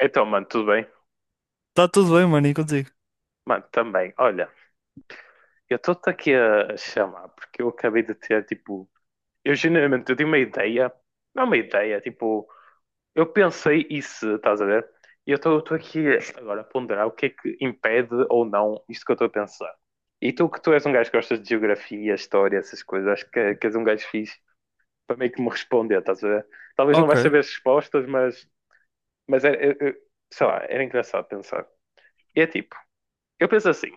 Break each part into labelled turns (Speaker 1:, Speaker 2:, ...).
Speaker 1: Então, mano, tudo bem?
Speaker 2: Tá tudo bem, mano, e contigo?
Speaker 1: Mano, também. Olha, eu estou-te aqui a chamar porque eu acabei de ter, tipo, eu genuinamente eu tenho uma ideia, não é uma ideia, tipo, eu pensei isso, estás a ver? E eu estou aqui agora a ponderar o que é que impede ou não isto que eu estou a pensar. E tu que tu és um gajo que gostas de geografia, história, essas coisas, acho que és um gajo fixe para meio que me responder, estás a ver? Talvez não
Speaker 2: Ok,
Speaker 1: vais saber as respostas, mas, mas sei lá, era engraçado pensar. E é tipo, eu penso assim,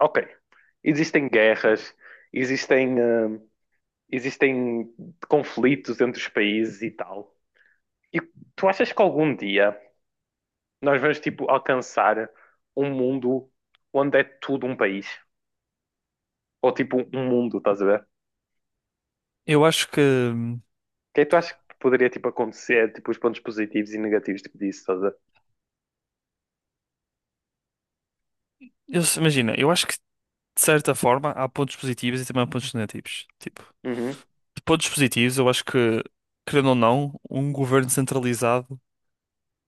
Speaker 1: ok, existem guerras, existem, existem conflitos entre os países e tal. E tu achas que algum dia nós vamos, tipo, alcançar um mundo onde é tudo um país? Ou, tipo, um mundo, estás a ver? O
Speaker 2: eu acho que.
Speaker 1: que é que tu achas que poderia, tipo, acontecer? Tipo, os pontos positivos e negativos, tipo, disso, estás a ver?
Speaker 2: Eu se- imagina, eu acho que de certa forma há pontos positivos e também há pontos negativos. Tipo,
Speaker 1: Uhum,
Speaker 2: de pontos positivos, eu acho que, querendo ou não, um governo centralizado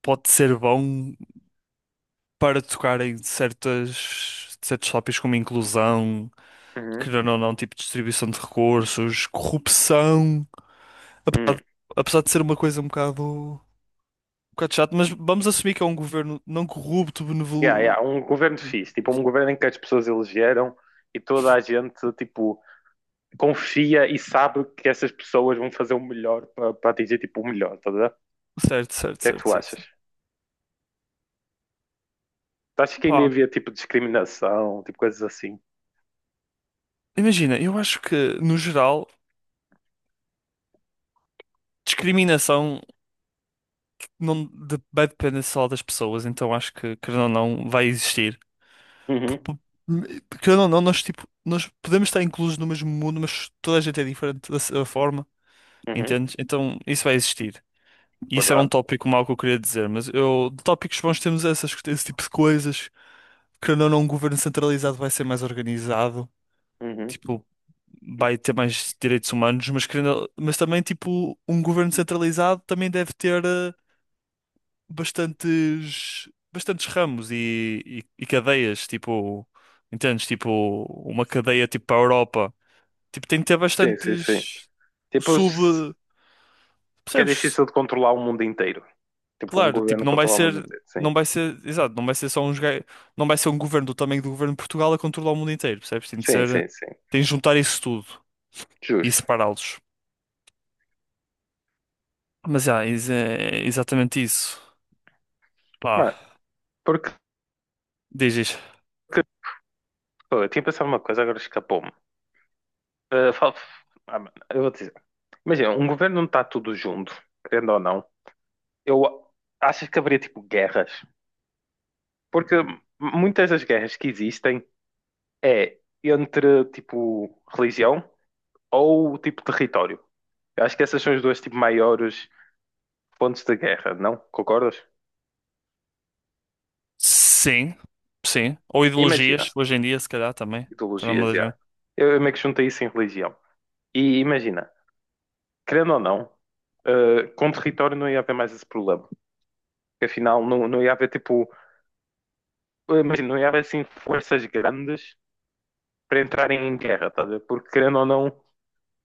Speaker 2: pode ser bom para tocar em certas, certos tópicos como inclusão,
Speaker 1: uhum,
Speaker 2: querendo ou não, tipo distribuição de recursos,
Speaker 1: uhum.
Speaker 2: corrupção. Apesar
Speaker 1: Hum.
Speaker 2: de, apesar de ser uma coisa um bocado chato, mas vamos assumir que é um governo não corrupto,
Speaker 1: Yeah, yeah,
Speaker 2: benevol...
Speaker 1: um governo fixe, tipo, um governo em que as pessoas elegeram e toda a gente, tipo, confia e sabe que essas pessoas vão fazer o melhor para atingir tipo o melhor, tá a ver? O
Speaker 2: Certo, certo,
Speaker 1: que é que
Speaker 2: certo,
Speaker 1: tu achas?
Speaker 2: certo.
Speaker 1: Tu achas que ainda
Speaker 2: Pá,
Speaker 1: havia tipo discriminação, tipo coisas assim?
Speaker 2: imagina, eu acho que, no geral, discriminação não de- vai depender só das pessoas, então acho que, querendo ou não, vai existir. P-
Speaker 1: Uhum,
Speaker 2: p- Querendo ou não, nós, tipo, nós podemos estar inclusos no mesmo mundo, mas toda a gente é diferente da sua forma,
Speaker 1: uhum,
Speaker 2: entendes? Então isso vai existir. E isso era um
Speaker 1: verdade.
Speaker 2: tópico mau que eu queria dizer, mas eu, de tópicos bons temos essas, esse tipo de coisas. Querendo ou não, um governo centralizado vai ser mais organizado.
Speaker 1: Uhum.
Speaker 2: Tipo, vai ter mais direitos humanos, mas, querendo, mas também, tipo, um governo centralizado também deve ter bastantes, bastantes ramos e cadeias, tipo, entendes? Tipo, uma cadeia, tipo, para a Europa. Tipo, tem que ter
Speaker 1: Sim, sim, sim.
Speaker 2: bastantes
Speaker 1: Tipo,
Speaker 2: sub...
Speaker 1: porque é
Speaker 2: Percebes?
Speaker 1: difícil de controlar o mundo inteiro. Tipo, um
Speaker 2: Claro, tipo,
Speaker 1: governo
Speaker 2: não vai
Speaker 1: controlar o mundo
Speaker 2: ser...
Speaker 1: inteiro, sim.
Speaker 2: Não vai ser, exato, não vai ser só não vai ser um governo do tamanho do governo de Portugal a controlar o mundo inteiro, percebes? Tem de
Speaker 1: Sim,
Speaker 2: ser,
Speaker 1: sim, sim.
Speaker 2: tem de juntar isso tudo e
Speaker 1: Justo.
Speaker 2: separá-los. Mas já, é exatamente isso. Pá,
Speaker 1: Mano, porque
Speaker 2: dizes
Speaker 1: que- pô, eu tinha pensado uma coisa, agora escapou-me. Ah, fal- ah, mano, eu vou te dizer. Imagina, um governo não está tudo junto, querendo ou não. Eu acho que haveria tipo guerras, porque muitas das guerras que existem é entre, tipo, religião ou, tipo, território. Eu acho que essas são os dois, tipo, maiores pontos de guerra, não? Concordas?
Speaker 2: sim, sim. Ou ideologias,
Speaker 1: Imagina,
Speaker 2: hoje em dia, se calhar, também. Também é uma
Speaker 1: ideologias,
Speaker 2: das
Speaker 1: já.
Speaker 2: grandes.
Speaker 1: Eu meio que juntei isso em religião. E imagina, querendo ou não, com território não ia haver mais esse problema. Porque, afinal, não ia haver, tipo, imagina, não ia haver, assim, forças grandes para entrarem em guerra, tá a ver? Porque, querendo ou não,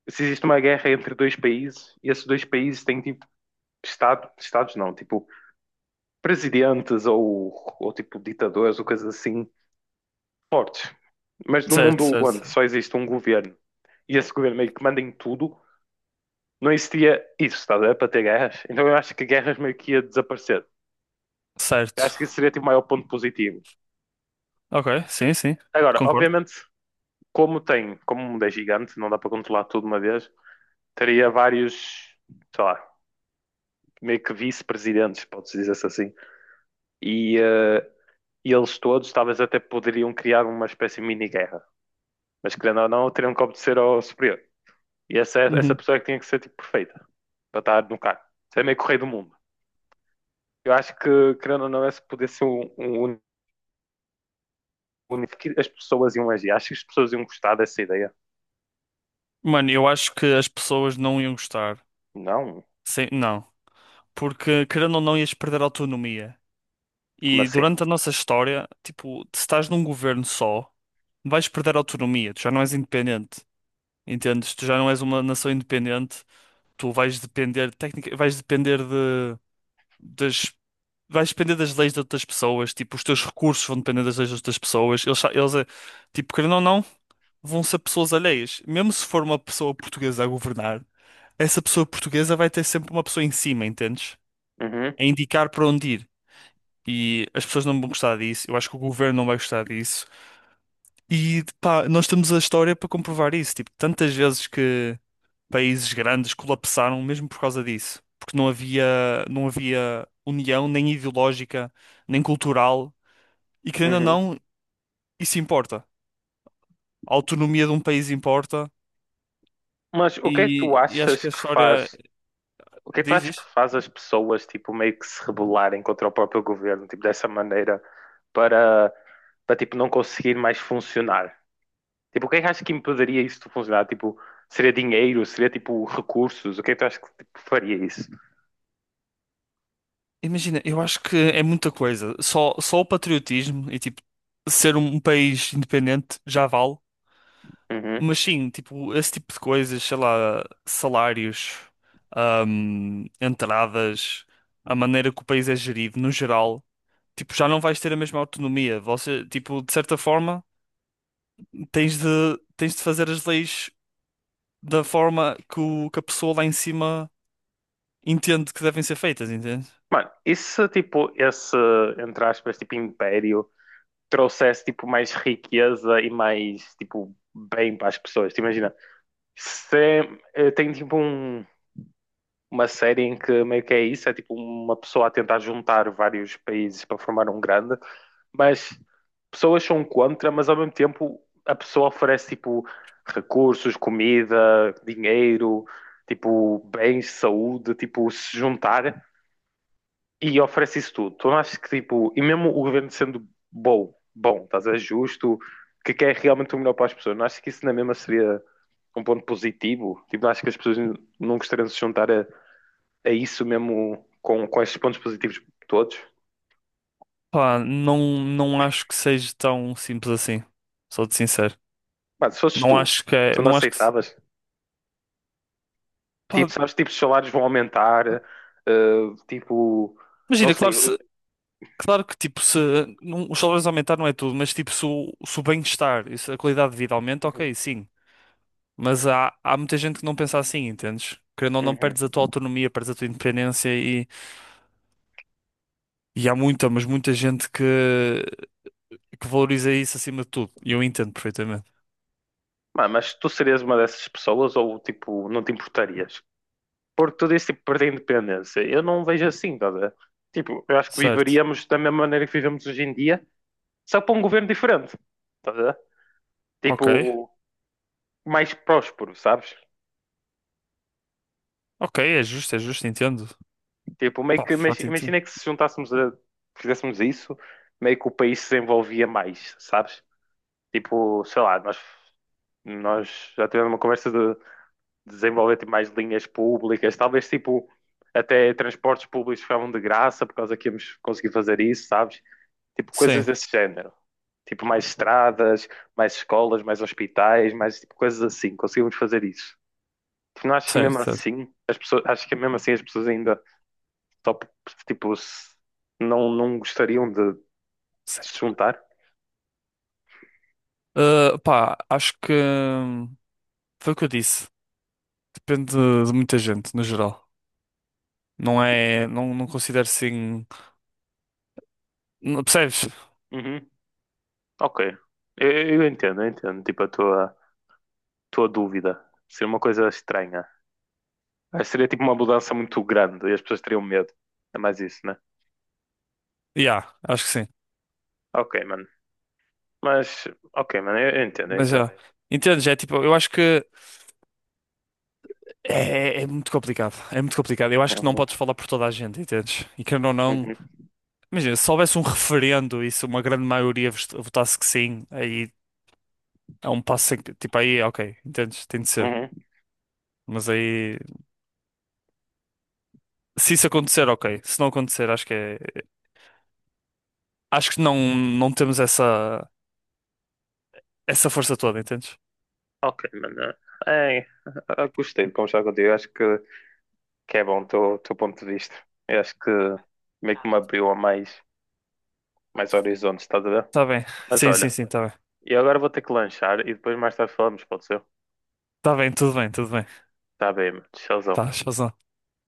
Speaker 1: se existe uma guerra entre dois países, e esses dois países têm, tipo, Estado, estados não, tipo presidentes ou tipo ditadores ou coisas assim fortes. Mas num
Speaker 2: Certo,
Speaker 1: mundo onde
Speaker 2: certo,
Speaker 1: só existe um governo e esse governo meio que manda em tudo, não existia isso, está a ver? Para ter guerras. Então eu acho que guerras meio que ia desaparecer. Eu acho que isso
Speaker 2: certo.
Speaker 1: seria tipo o maior ponto positivo.
Speaker 2: Ok, sim, sim.
Speaker 1: Agora,
Speaker 2: Concordo.
Speaker 1: obviamente, como tem, como o mundo é gigante, não dá para controlar tudo de uma vez, teria vários, sei lá, meio que vice-presidentes, pode-se dizer assim. E e eles todos talvez até poderiam criar uma espécie de mini-guerra, mas querendo ou não, teriam que obedecer ao superior. E essa
Speaker 2: Uhum.
Speaker 1: pessoa é que tinha que ser tipo perfeita para estar no cargo. Isso é meio correio do mundo. Eu acho que, querendo ou não, esse poder ser um, um as pessoas iam agir. Acho que as pessoas iam gostar dessa ideia.
Speaker 2: Mano, eu acho que as pessoas não iam gostar.
Speaker 1: Não?
Speaker 2: Sim, não. Porque, querendo ou não, ias perder a autonomia.
Speaker 1: Como
Speaker 2: E
Speaker 1: assim?
Speaker 2: durante a nossa história, tipo, se estás num governo só, vais perder a autonomia. Tu já não és independente. Entendes? Tu já não és uma nação independente. Tu vais depender, técnica, vais depender das, vais depender das leis de outras pessoas, tipo, os teus recursos vão depender das leis de outras pessoas, eles, eles tipo, querendo ou não, vão ser pessoas alheias. Mesmo se for uma pessoa portuguesa a governar, essa pessoa portuguesa vai ter sempre uma pessoa em cima, entendes?
Speaker 1: Uhum,
Speaker 2: A indicar para onde ir. E as pessoas não vão gostar disso, eu acho que o governo não vai gostar disso. E pá, nós temos a história para comprovar isso. Tipo, tantas vezes que países grandes colapsaram mesmo por causa disso, porque não havia, não havia união nem ideológica, nem cultural, e querendo ou
Speaker 1: uhum.
Speaker 2: não, isso importa. A autonomia de um país importa,
Speaker 1: Mas o que é que tu
Speaker 2: e acho
Speaker 1: achas
Speaker 2: que a
Speaker 1: que
Speaker 2: história
Speaker 1: faz? O que é que tu
Speaker 2: diz
Speaker 1: achas que
Speaker 2: isto.
Speaker 1: faz as pessoas tipo meio que se rebelarem contra o próprio governo, tipo dessa maneira, para para tipo não conseguir mais funcionar? Tipo, o que é que achas que impediria isso de funcionar? Tipo, seria dinheiro? Seria, tipo, recursos? O que é que tu achas que tipo faria isso?
Speaker 2: Imagina, eu acho que é muita coisa. Só, só o patriotismo e tipo ser um país independente já vale.
Speaker 1: Uhum.
Speaker 2: Mas sim, tipo, esse tipo de coisas, sei lá, salários, entradas, a maneira que o país é gerido, no geral, tipo, já não vais ter a mesma autonomia. Você, tipo, de certa forma, tens de fazer as leis da forma que, o, que a pessoa lá em cima entende que devem ser feitas, entende?
Speaker 1: Mano, e se, tipo, esse, entre aspas, tipo, império trouxesse, tipo, mais riqueza e mais, tipo, bem para as pessoas? Tipo, imagina, se tem, tipo, um, uma série em que meio que é isso, é, tipo, uma pessoa a tentar juntar vários países para formar um grande, mas pessoas são contra, mas ao mesmo tempo a pessoa oferece tipo recursos, comida, dinheiro, tipo bens, saúde, tipo se juntar e oferece isso tudo. Tu não achas que tipo, e mesmo o governo sendo bom, bom, estás a ver, justo, que quer realmente o melhor para as pessoas, não achas que isso na mesma seria um ponto positivo? Tipo, não achas que as pessoas não gostariam de se juntar a isso mesmo com estes pontos positivos todos?
Speaker 2: Pá, não, não acho que seja tão simples assim. Sou-te sincero.
Speaker 1: Mas se fosses
Speaker 2: Não
Speaker 1: tu,
Speaker 2: acho que é,
Speaker 1: tu não
Speaker 2: não acho que, se-
Speaker 1: aceitavas? Tipo,
Speaker 2: pá,
Speaker 1: sabes, tipo, os salários vão aumentar, tipo, não
Speaker 2: imagina, claro,
Speaker 1: sei.
Speaker 2: se, claro que, tipo, se não- os salários aumentar não é tudo, mas, tipo, se o, se o bem-estar e se a qualidade de vida aumenta,
Speaker 1: Uhum,
Speaker 2: ok, sim. Mas há, há muita gente que não pensa assim, entendes? Querendo ou não,
Speaker 1: uhum.
Speaker 2: perdes a tua autonomia, perdes a tua independência. E há muita, mas muita gente que valoriza isso acima de tudo. E eu entendo perfeitamente.
Speaker 1: Mas tu serias uma dessas pessoas ou, tipo, não te importarias? Porque tu disse, tipo, perder a independência. Eu não vejo assim, tá a ver? Tipo, eu acho que
Speaker 2: Certo.
Speaker 1: viveríamos da mesma maneira que vivemos hoje em dia, só para um governo diferente, tá a ver?
Speaker 2: Ok.
Speaker 1: Tipo, mais próspero, sabes?
Speaker 2: Ok, é justo, entendo.
Speaker 1: Tipo, meio
Speaker 2: Pá,
Speaker 1: que,
Speaker 2: fato entendo.
Speaker 1: imagina que se juntássemos a, fizéssemos isso, meio que o país se desenvolvia mais, sabes? Tipo, sei lá, nós já tivemos uma conversa de desenvolver tipo mais linhas públicas, talvez tipo até transportes públicos ficavam de graça por causa que íamos conseguir fazer isso, sabes? Tipo, coisas
Speaker 2: Sim,
Speaker 1: desse género. Tipo, mais estradas, mais escolas, mais hospitais, mais tipo coisas assim. Conseguimos fazer isso. Tipo, não acho que
Speaker 2: certo,
Speaker 1: mesmo
Speaker 2: certo.
Speaker 1: assim, as pessoas, acho que mesmo assim as pessoas ainda só, tipo, não, não gostariam de
Speaker 2: Sim.
Speaker 1: se juntar.
Speaker 2: Ah, pá, acho que foi o que eu disse. Depende de muita gente, no geral. Não é. Não, não considero assim. Não, percebes?
Speaker 1: Uhum, ok. Eu entendo, eu entendo. Tipo, a tua, estou a dúvida. Seria uma coisa estranha. Acho que seria tipo uma mudança muito grande e as pessoas teriam medo. É mais isso, né?
Speaker 2: Yeah, acho que sim.
Speaker 1: Ok, mano. Mas, ok, mano, eu entendo, eu
Speaker 2: Mas
Speaker 1: entendo.
Speaker 2: já. Entendes? É tipo, eu acho que é, é muito complicado. É muito complicado. Eu acho que não
Speaker 1: Uhum,
Speaker 2: podes falar por toda a gente, entendes? E querendo ou não.
Speaker 1: uhum,
Speaker 2: Imagina, se houvesse um referendo e se uma grande maioria votasse que sim, aí é um passo em que, tipo, aí, ok, entendes? Tem de ser.
Speaker 1: uhum.
Speaker 2: Mas aí, se isso acontecer, ok. Se não acontecer, acho que é, acho que não, não temos essa, essa força toda, entendes?
Speaker 1: Ok, mano. É, eu gostei de conversar contigo. Eu acho que é bom o teu ponto de vista. Eu acho que meio que me abriu a mais, mais horizontes, estás a ver?
Speaker 2: Tá bem.
Speaker 1: Mas
Speaker 2: Sim, sim,
Speaker 1: olha,
Speaker 2: sim, tá bem.
Speaker 1: eu agora vou ter que lanchar e depois mais tarde falamos, pode ser?
Speaker 2: Tá bem, tudo bem, tudo bem.
Speaker 1: Tá bem, mano. Tchauzão.
Speaker 2: Tá, razão.